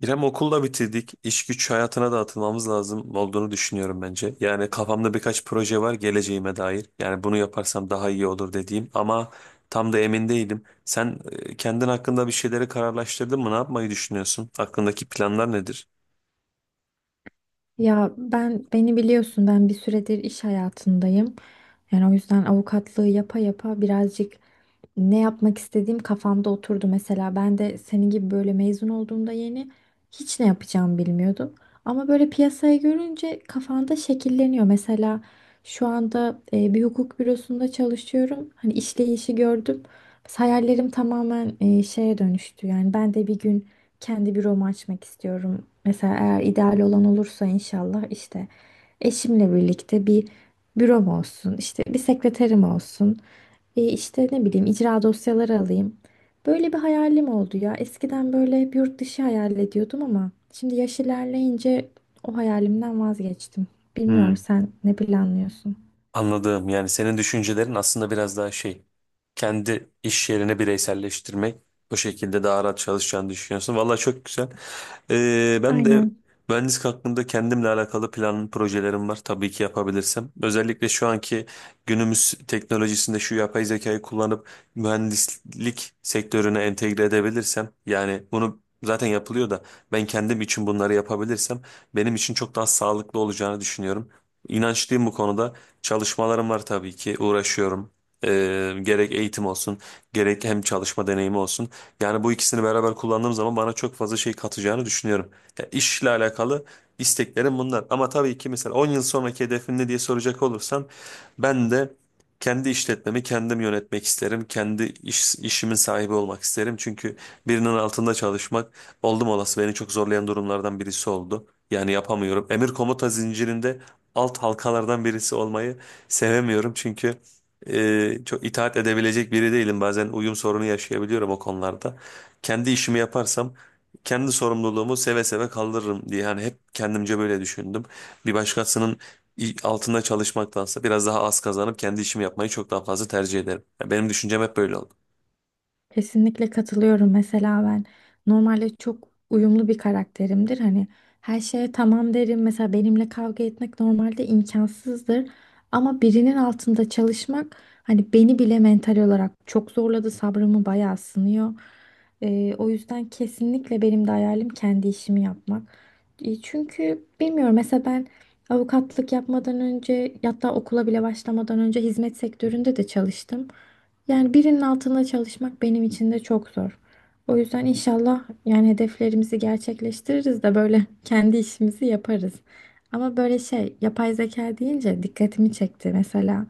İrem okulda bitirdik. İş güç hayatına da atılmamız lazım olduğunu düşünüyorum bence. Yani kafamda birkaç proje var geleceğime dair. Yani bunu yaparsam daha iyi olur dediğim ama tam da emin değilim. Sen kendin hakkında bir şeyleri kararlaştırdın mı? Ne yapmayı düşünüyorsun? Aklındaki planlar nedir? Ya ben beni biliyorsun ben bir süredir iş hayatındayım. Yani o yüzden avukatlığı yapa yapa birazcık ne yapmak istediğim kafamda oturdu. Mesela ben de senin gibi böyle mezun olduğumda yeni hiç ne yapacağımı bilmiyordum. Ama böyle piyasayı görünce kafanda şekilleniyor. Mesela şu anda bir hukuk bürosunda çalışıyorum. Hani işleyişi gördüm. Hayallerim tamamen şeye dönüştü. Yani ben de bir gün kendi büromu açmak istiyorum. Mesela eğer ideal olan olursa inşallah işte eşimle birlikte bir bürom olsun, işte bir sekreterim olsun, işte ne bileyim icra dosyaları alayım. Böyle bir hayalim oldu ya. Eskiden böyle hep yurt dışı hayal ediyordum ama şimdi yaş ilerleyince o hayalimden vazgeçtim. Bilmiyorum, Hmm. sen ne planlıyorsun? Anladığım yani senin düşüncelerin aslında biraz daha şey kendi iş yerine bireyselleştirmek o şekilde daha rahat çalışacağını düşünüyorsun. Valla çok güzel. Ben de Aynen. mühendislik hakkında kendimle alakalı plan projelerim var tabii ki yapabilirsem. Özellikle şu anki günümüz teknolojisinde şu yapay zekayı kullanıp mühendislik sektörüne entegre edebilirsem yani bunu zaten yapılıyor da ben kendim için bunları yapabilirsem benim için çok daha sağlıklı olacağını düşünüyorum. İnançlıyım bu konuda. Çalışmalarım var tabii ki uğraşıyorum. Gerek eğitim olsun gerek hem çalışma deneyimi olsun. Yani bu ikisini beraber kullandığım zaman bana çok fazla şey katacağını düşünüyorum. Ya işle alakalı isteklerim bunlar. Ama tabii ki mesela 10 yıl sonraki hedefin ne diye soracak olursan ben de kendi işletmemi kendim yönetmek isterim. Kendi iş, işimin sahibi olmak isterim. Çünkü birinin altında çalışmak oldum olası beni çok zorlayan durumlardan birisi oldu. Yani yapamıyorum. Emir komuta zincirinde alt halkalardan birisi olmayı sevemiyorum. Çünkü çok itaat edebilecek biri değilim. Bazen uyum sorunu yaşayabiliyorum o konularda. Kendi işimi yaparsam kendi sorumluluğumu seve seve kaldırırım diye. Hani hep kendimce böyle düşündüm. Bir başkasının altında çalışmaktansa biraz daha az kazanıp kendi işimi yapmayı çok daha fazla tercih ederim. Yani benim düşüncem hep böyle oldu. Kesinlikle katılıyorum. Mesela ben normalde çok uyumlu bir karakterimdir. Hani her şeye tamam derim. Mesela benimle kavga etmek normalde imkansızdır. Ama birinin altında çalışmak hani beni bile mental olarak çok zorladı. Sabrımı bayağı sınıyor. O yüzden kesinlikle benim de hayalim kendi işimi yapmak. Çünkü bilmiyorum, mesela ben avukatlık yapmadan önce hatta okula bile başlamadan önce hizmet sektöründe de çalıştım. Yani birinin altında çalışmak benim için de çok zor. O yüzden inşallah yani hedeflerimizi gerçekleştiririz de böyle kendi işimizi yaparız. Ama böyle şey, yapay zeka deyince dikkatimi çekti mesela.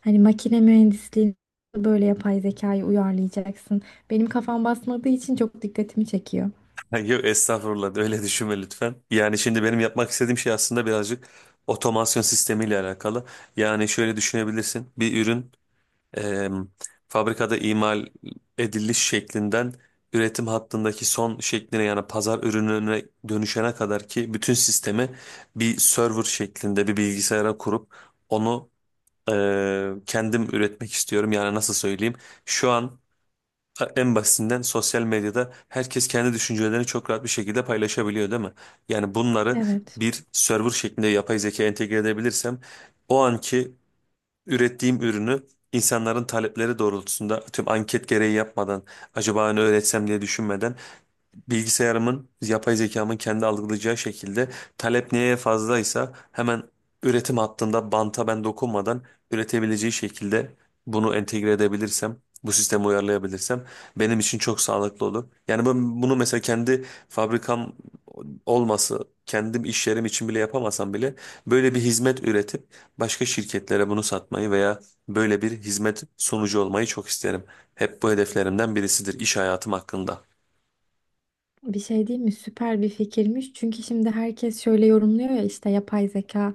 Hani makine mühendisliğini böyle yapay zekayı uyarlayacaksın. Benim kafam basmadığı için çok dikkatimi çekiyor. Yok estağfurullah öyle düşünme lütfen. Yani şimdi benim yapmak istediğim şey aslında birazcık otomasyon sistemiyle alakalı. Yani şöyle düşünebilirsin. Bir ürün e, fabrikada imal ediliş şeklinden üretim hattındaki son şekline yani pazar ürününe dönüşene kadar ki bütün sistemi bir server şeklinde bir bilgisayara kurup onu e, kendim üretmek istiyorum. Yani nasıl söyleyeyim? Şu an en basitinden sosyal medyada herkes kendi düşüncelerini çok rahat bir şekilde paylaşabiliyor değil mi? Yani bunları Evet. bir server şeklinde yapay zeka entegre edebilirsem o anki ürettiğim ürünü insanların talepleri doğrultusunda tüm anket gereği yapmadan acaba ne öğretsem diye düşünmeden bilgisayarımın, yapay zekamın kendi algılayacağı şekilde talep neye fazlaysa hemen üretim hattında banta ben dokunmadan üretebileceği şekilde bunu entegre edebilirsem, bu sisteme uyarlayabilirsem benim için çok sağlıklı olur. Yani ben bunu mesela kendi fabrikam olması, kendim iş yerim için bile yapamasam bile böyle bir hizmet üretip başka şirketlere bunu satmayı veya böyle bir hizmet sunucu olmayı çok isterim. Hep bu hedeflerimden birisidir iş hayatım hakkında. Bir şey değil mi? Süper bir fikirmiş. Çünkü şimdi herkes şöyle yorumluyor ya, işte yapay zeka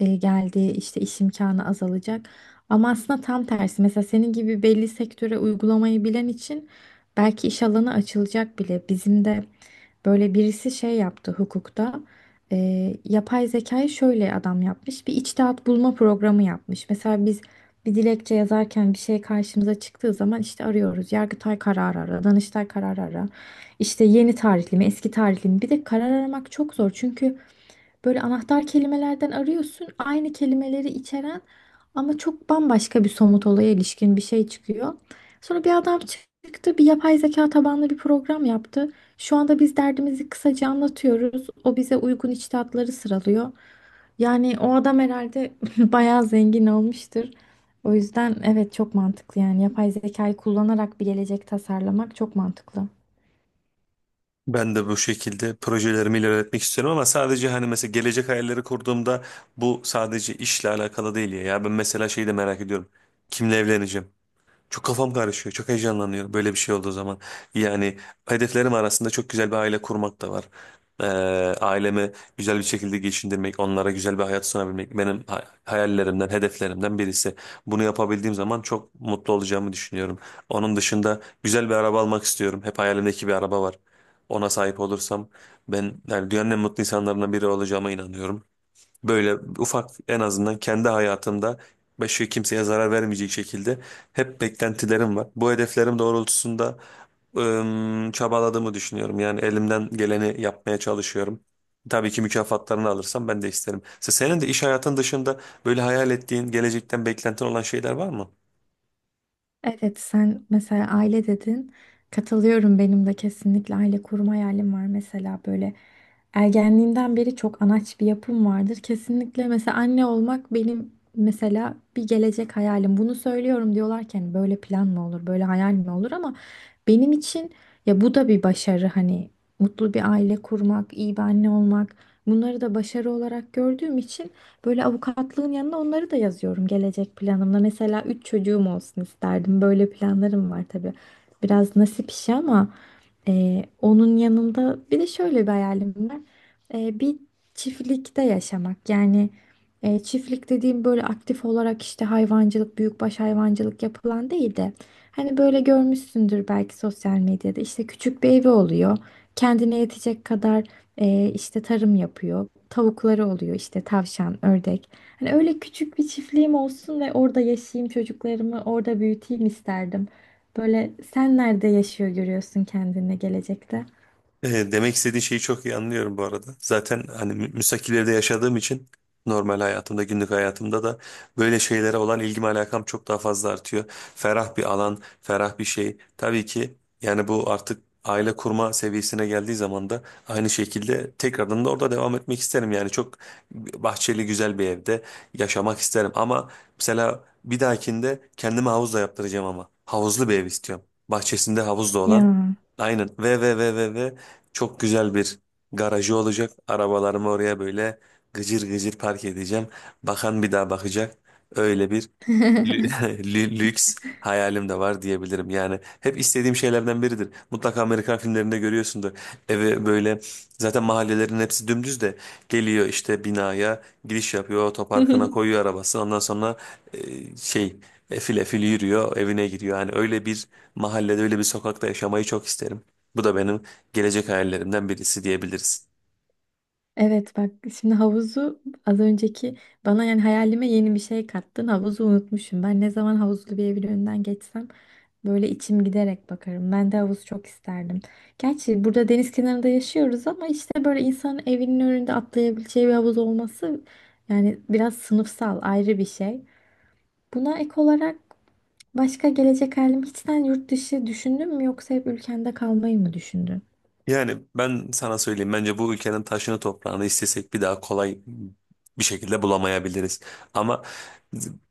geldi, işte iş imkanı azalacak. Ama aslında tam tersi. Mesela senin gibi belli sektöre uygulamayı bilen için belki iş alanı açılacak bile. Bizim de böyle birisi şey yaptı hukukta. E, Yapay zekayı şöyle adam yapmış. Bir içtihat bulma programı yapmış. Mesela biz bir dilekçe yazarken bir şey karşımıza çıktığı zaman işte arıyoruz. Yargıtay kararı ara, Danıştay kararı ara. İşte yeni tarihli mi, eski tarihli mi? Bir de karar aramak çok zor. Çünkü böyle anahtar kelimelerden arıyorsun. Aynı kelimeleri içeren ama çok bambaşka bir somut olaya ilişkin bir şey çıkıyor. Sonra bir adam çıktı, bir yapay zeka tabanlı bir program yaptı. Şu anda biz derdimizi kısaca anlatıyoruz, o bize uygun içtihatları sıralıyor. Yani o adam herhalde bayağı zengin olmuştur. O yüzden evet, çok mantıklı yani, yapay zekayı kullanarak bir gelecek tasarlamak çok mantıklı. Ben de bu şekilde projelerimi ilerletmek istiyorum ama sadece hani mesela gelecek hayalleri kurduğumda bu sadece işle alakalı değil ya. Ya ben mesela şeyi de merak ediyorum. Kimle evleneceğim? Çok kafam karışıyor. Çok heyecanlanıyorum böyle bir şey olduğu zaman. Yani hedeflerim arasında çok güzel bir aile kurmak da var. Ee, Ailemi güzel bir şekilde geçindirmek, onlara güzel bir hayat sunabilmek benim hayallerimden, hedeflerimden birisi. Bunu yapabildiğim zaman çok mutlu olacağımı düşünüyorum. Onun dışında güzel bir araba almak istiyorum. Hep hayalimdeki bir araba var. Ona sahip olursam ben yani dünyanın en mutlu insanlarından biri olacağıma inanıyorum. Böyle ufak en azından kendi hayatımda başka kimseye zarar vermeyecek şekilde hep beklentilerim var. Bu hedeflerim doğrultusunda çabaladığımı düşünüyorum. Yani elimden geleni yapmaya çalışıyorum. Tabii ki mükafatlarını alırsam ben de isterim. Senin de iş hayatın dışında böyle hayal ettiğin, gelecekten beklentin olan şeyler var mı? Evet, sen mesela aile dedin. Katılıyorum, benim de kesinlikle aile kurma hayalim var. Mesela böyle ergenliğimden beri çok anaç bir yapım vardır. Kesinlikle mesela anne olmak benim mesela bir gelecek hayalim. Bunu söylüyorum diyorlarken böyle plan mı olur, böyle hayal mi olur ama benim için ya bu da bir başarı hani, mutlu bir aile kurmak, iyi bir anne olmak, bunları da başarı olarak gördüğüm için böyle avukatlığın yanına onları da yazıyorum gelecek planımda. Mesela üç çocuğum olsun isterdim. Böyle planlarım var tabii. Biraz nasip işi ama onun yanında bir de şöyle bir hayalim var. Bir çiftlikte yaşamak. Yani çiftlik dediğim böyle aktif olarak işte hayvancılık, büyükbaş hayvancılık yapılan değil de hani böyle görmüşsündür belki sosyal medyada, işte küçük bir evi oluyor. Kendine yetecek kadar işte tarım yapıyor. Tavukları oluyor, işte tavşan, ördek. Hani öyle küçük bir çiftliğim olsun ve orada yaşayayım, çocuklarımı orada büyüteyim isterdim. Böyle sen nerede yaşıyor görüyorsun kendini gelecekte? Demek istediğin şeyi çok iyi anlıyorum bu arada. Zaten hani müstakil evde yaşadığım için normal hayatımda, günlük hayatımda da böyle şeylere olan ilgim alakam çok daha fazla artıyor. Ferah bir alan, ferah bir şey. Tabii ki yani bu artık aile kurma seviyesine geldiği zaman da aynı şekilde tekrardan da orada devam etmek isterim. Yani çok bahçeli güzel bir evde yaşamak isterim. Ama mesela bir dahakinde kendime havuz da yaptıracağım ama. Havuzlu bir ev istiyorum. Bahçesinde havuz da olan. Ya. Aynen. Ve çok güzel bir garajı olacak. Arabalarımı oraya böyle gıcır gıcır park edeceğim. Bakan bir daha bakacak. Öyle bir Lü- Lüks hayalim de var diyebilirim. Yani hep istediğim şeylerden biridir. Mutlaka Amerikan filmlerinde görüyorsundur. Eve böyle zaten mahallelerin hepsi dümdüz de geliyor işte binaya giriş yapıyor, otoparkına koyuyor arabası. Ondan sonra şey efil efil yürüyor, evine giriyor. Yani öyle bir mahallede, öyle bir sokakta yaşamayı çok isterim. Bu da benim gelecek hayallerimden birisi diyebiliriz. Evet, bak şimdi havuzu, az önceki bana yani hayalime yeni bir şey kattın, havuzu unutmuşum. Ben ne zaman havuzlu bir evin önünden geçsem böyle içim giderek bakarım. Ben de havuz çok isterdim. Gerçi burada deniz kenarında yaşıyoruz ama işte böyle insanın evinin önünde atlayabileceği bir havuz olması, yani biraz sınıfsal ayrı bir şey. Buna ek olarak başka gelecek halim hiçten, yurt dışı düşündün mü yoksa hep ülkende kalmayı mı düşündün? Yani ben sana söyleyeyim bence bu ülkenin taşını toprağını istesek bir daha kolay bir şekilde bulamayabiliriz. Ama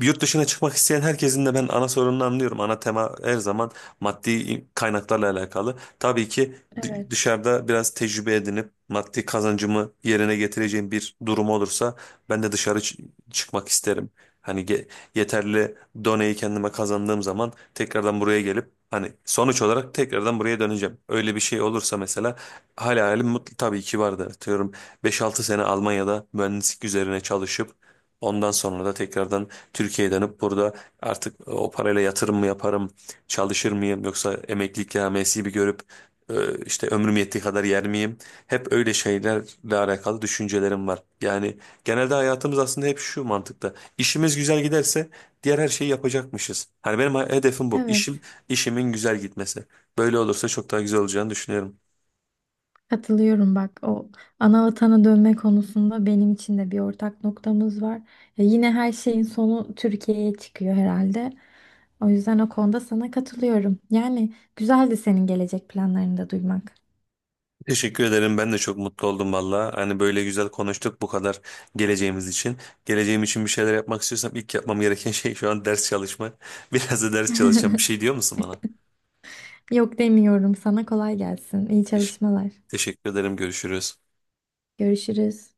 yurt dışına çıkmak isteyen herkesin de ben ana sorununu anlıyorum. Ana tema her zaman maddi kaynaklarla alakalı. Tabii ki Evet. dışarıda biraz tecrübe edinip maddi kazancımı yerine getireceğim bir durum olursa ben de dışarı çıkmak isterim. Hani yeterli doneyi kendime kazandığım zaman tekrardan buraya gelip hani sonuç olarak tekrardan buraya döneceğim. Öyle bir şey olursa mesela hala hayalim mutlu tabii ki vardı. Diyorum 5-6 sene Almanya'da mühendislik üzerine çalışıp ondan sonra da tekrardan Türkiye'ye dönüp burada artık o parayla yatırım mı yaparım, çalışır mıyım yoksa emeklilik yamyesi bir görüp işte ömrüm yettiği kadar yer miyim? Hep öyle şeylerle alakalı düşüncelerim var. Yani genelde hayatımız aslında hep şu mantıkta. İşimiz güzel giderse diğer her şeyi yapacakmışız. Hani benim hedefim bu. İşim, Evet. işimin güzel gitmesi. Böyle olursa çok daha güzel olacağını düşünüyorum. Katılıyorum, bak o ana vatana dönme konusunda benim için de bir ortak noktamız var. Ya yine her şeyin sonu Türkiye'ye çıkıyor herhalde. O yüzden o konuda sana katılıyorum. Yani güzeldi senin gelecek planlarını da duymak. Teşekkür ederim. Ben de çok mutlu oldum valla. Hani böyle güzel konuştuk bu kadar geleceğimiz için. Geleceğim için bir şeyler yapmak istiyorsam ilk yapmam gereken şey şu an ders çalışmak. Biraz da ders çalışacağım. Bir şey diyor musun bana? Yok, demiyorum, sana kolay gelsin. İyi Teş- çalışmalar. Teşekkür ederim. Görüşürüz. Görüşürüz.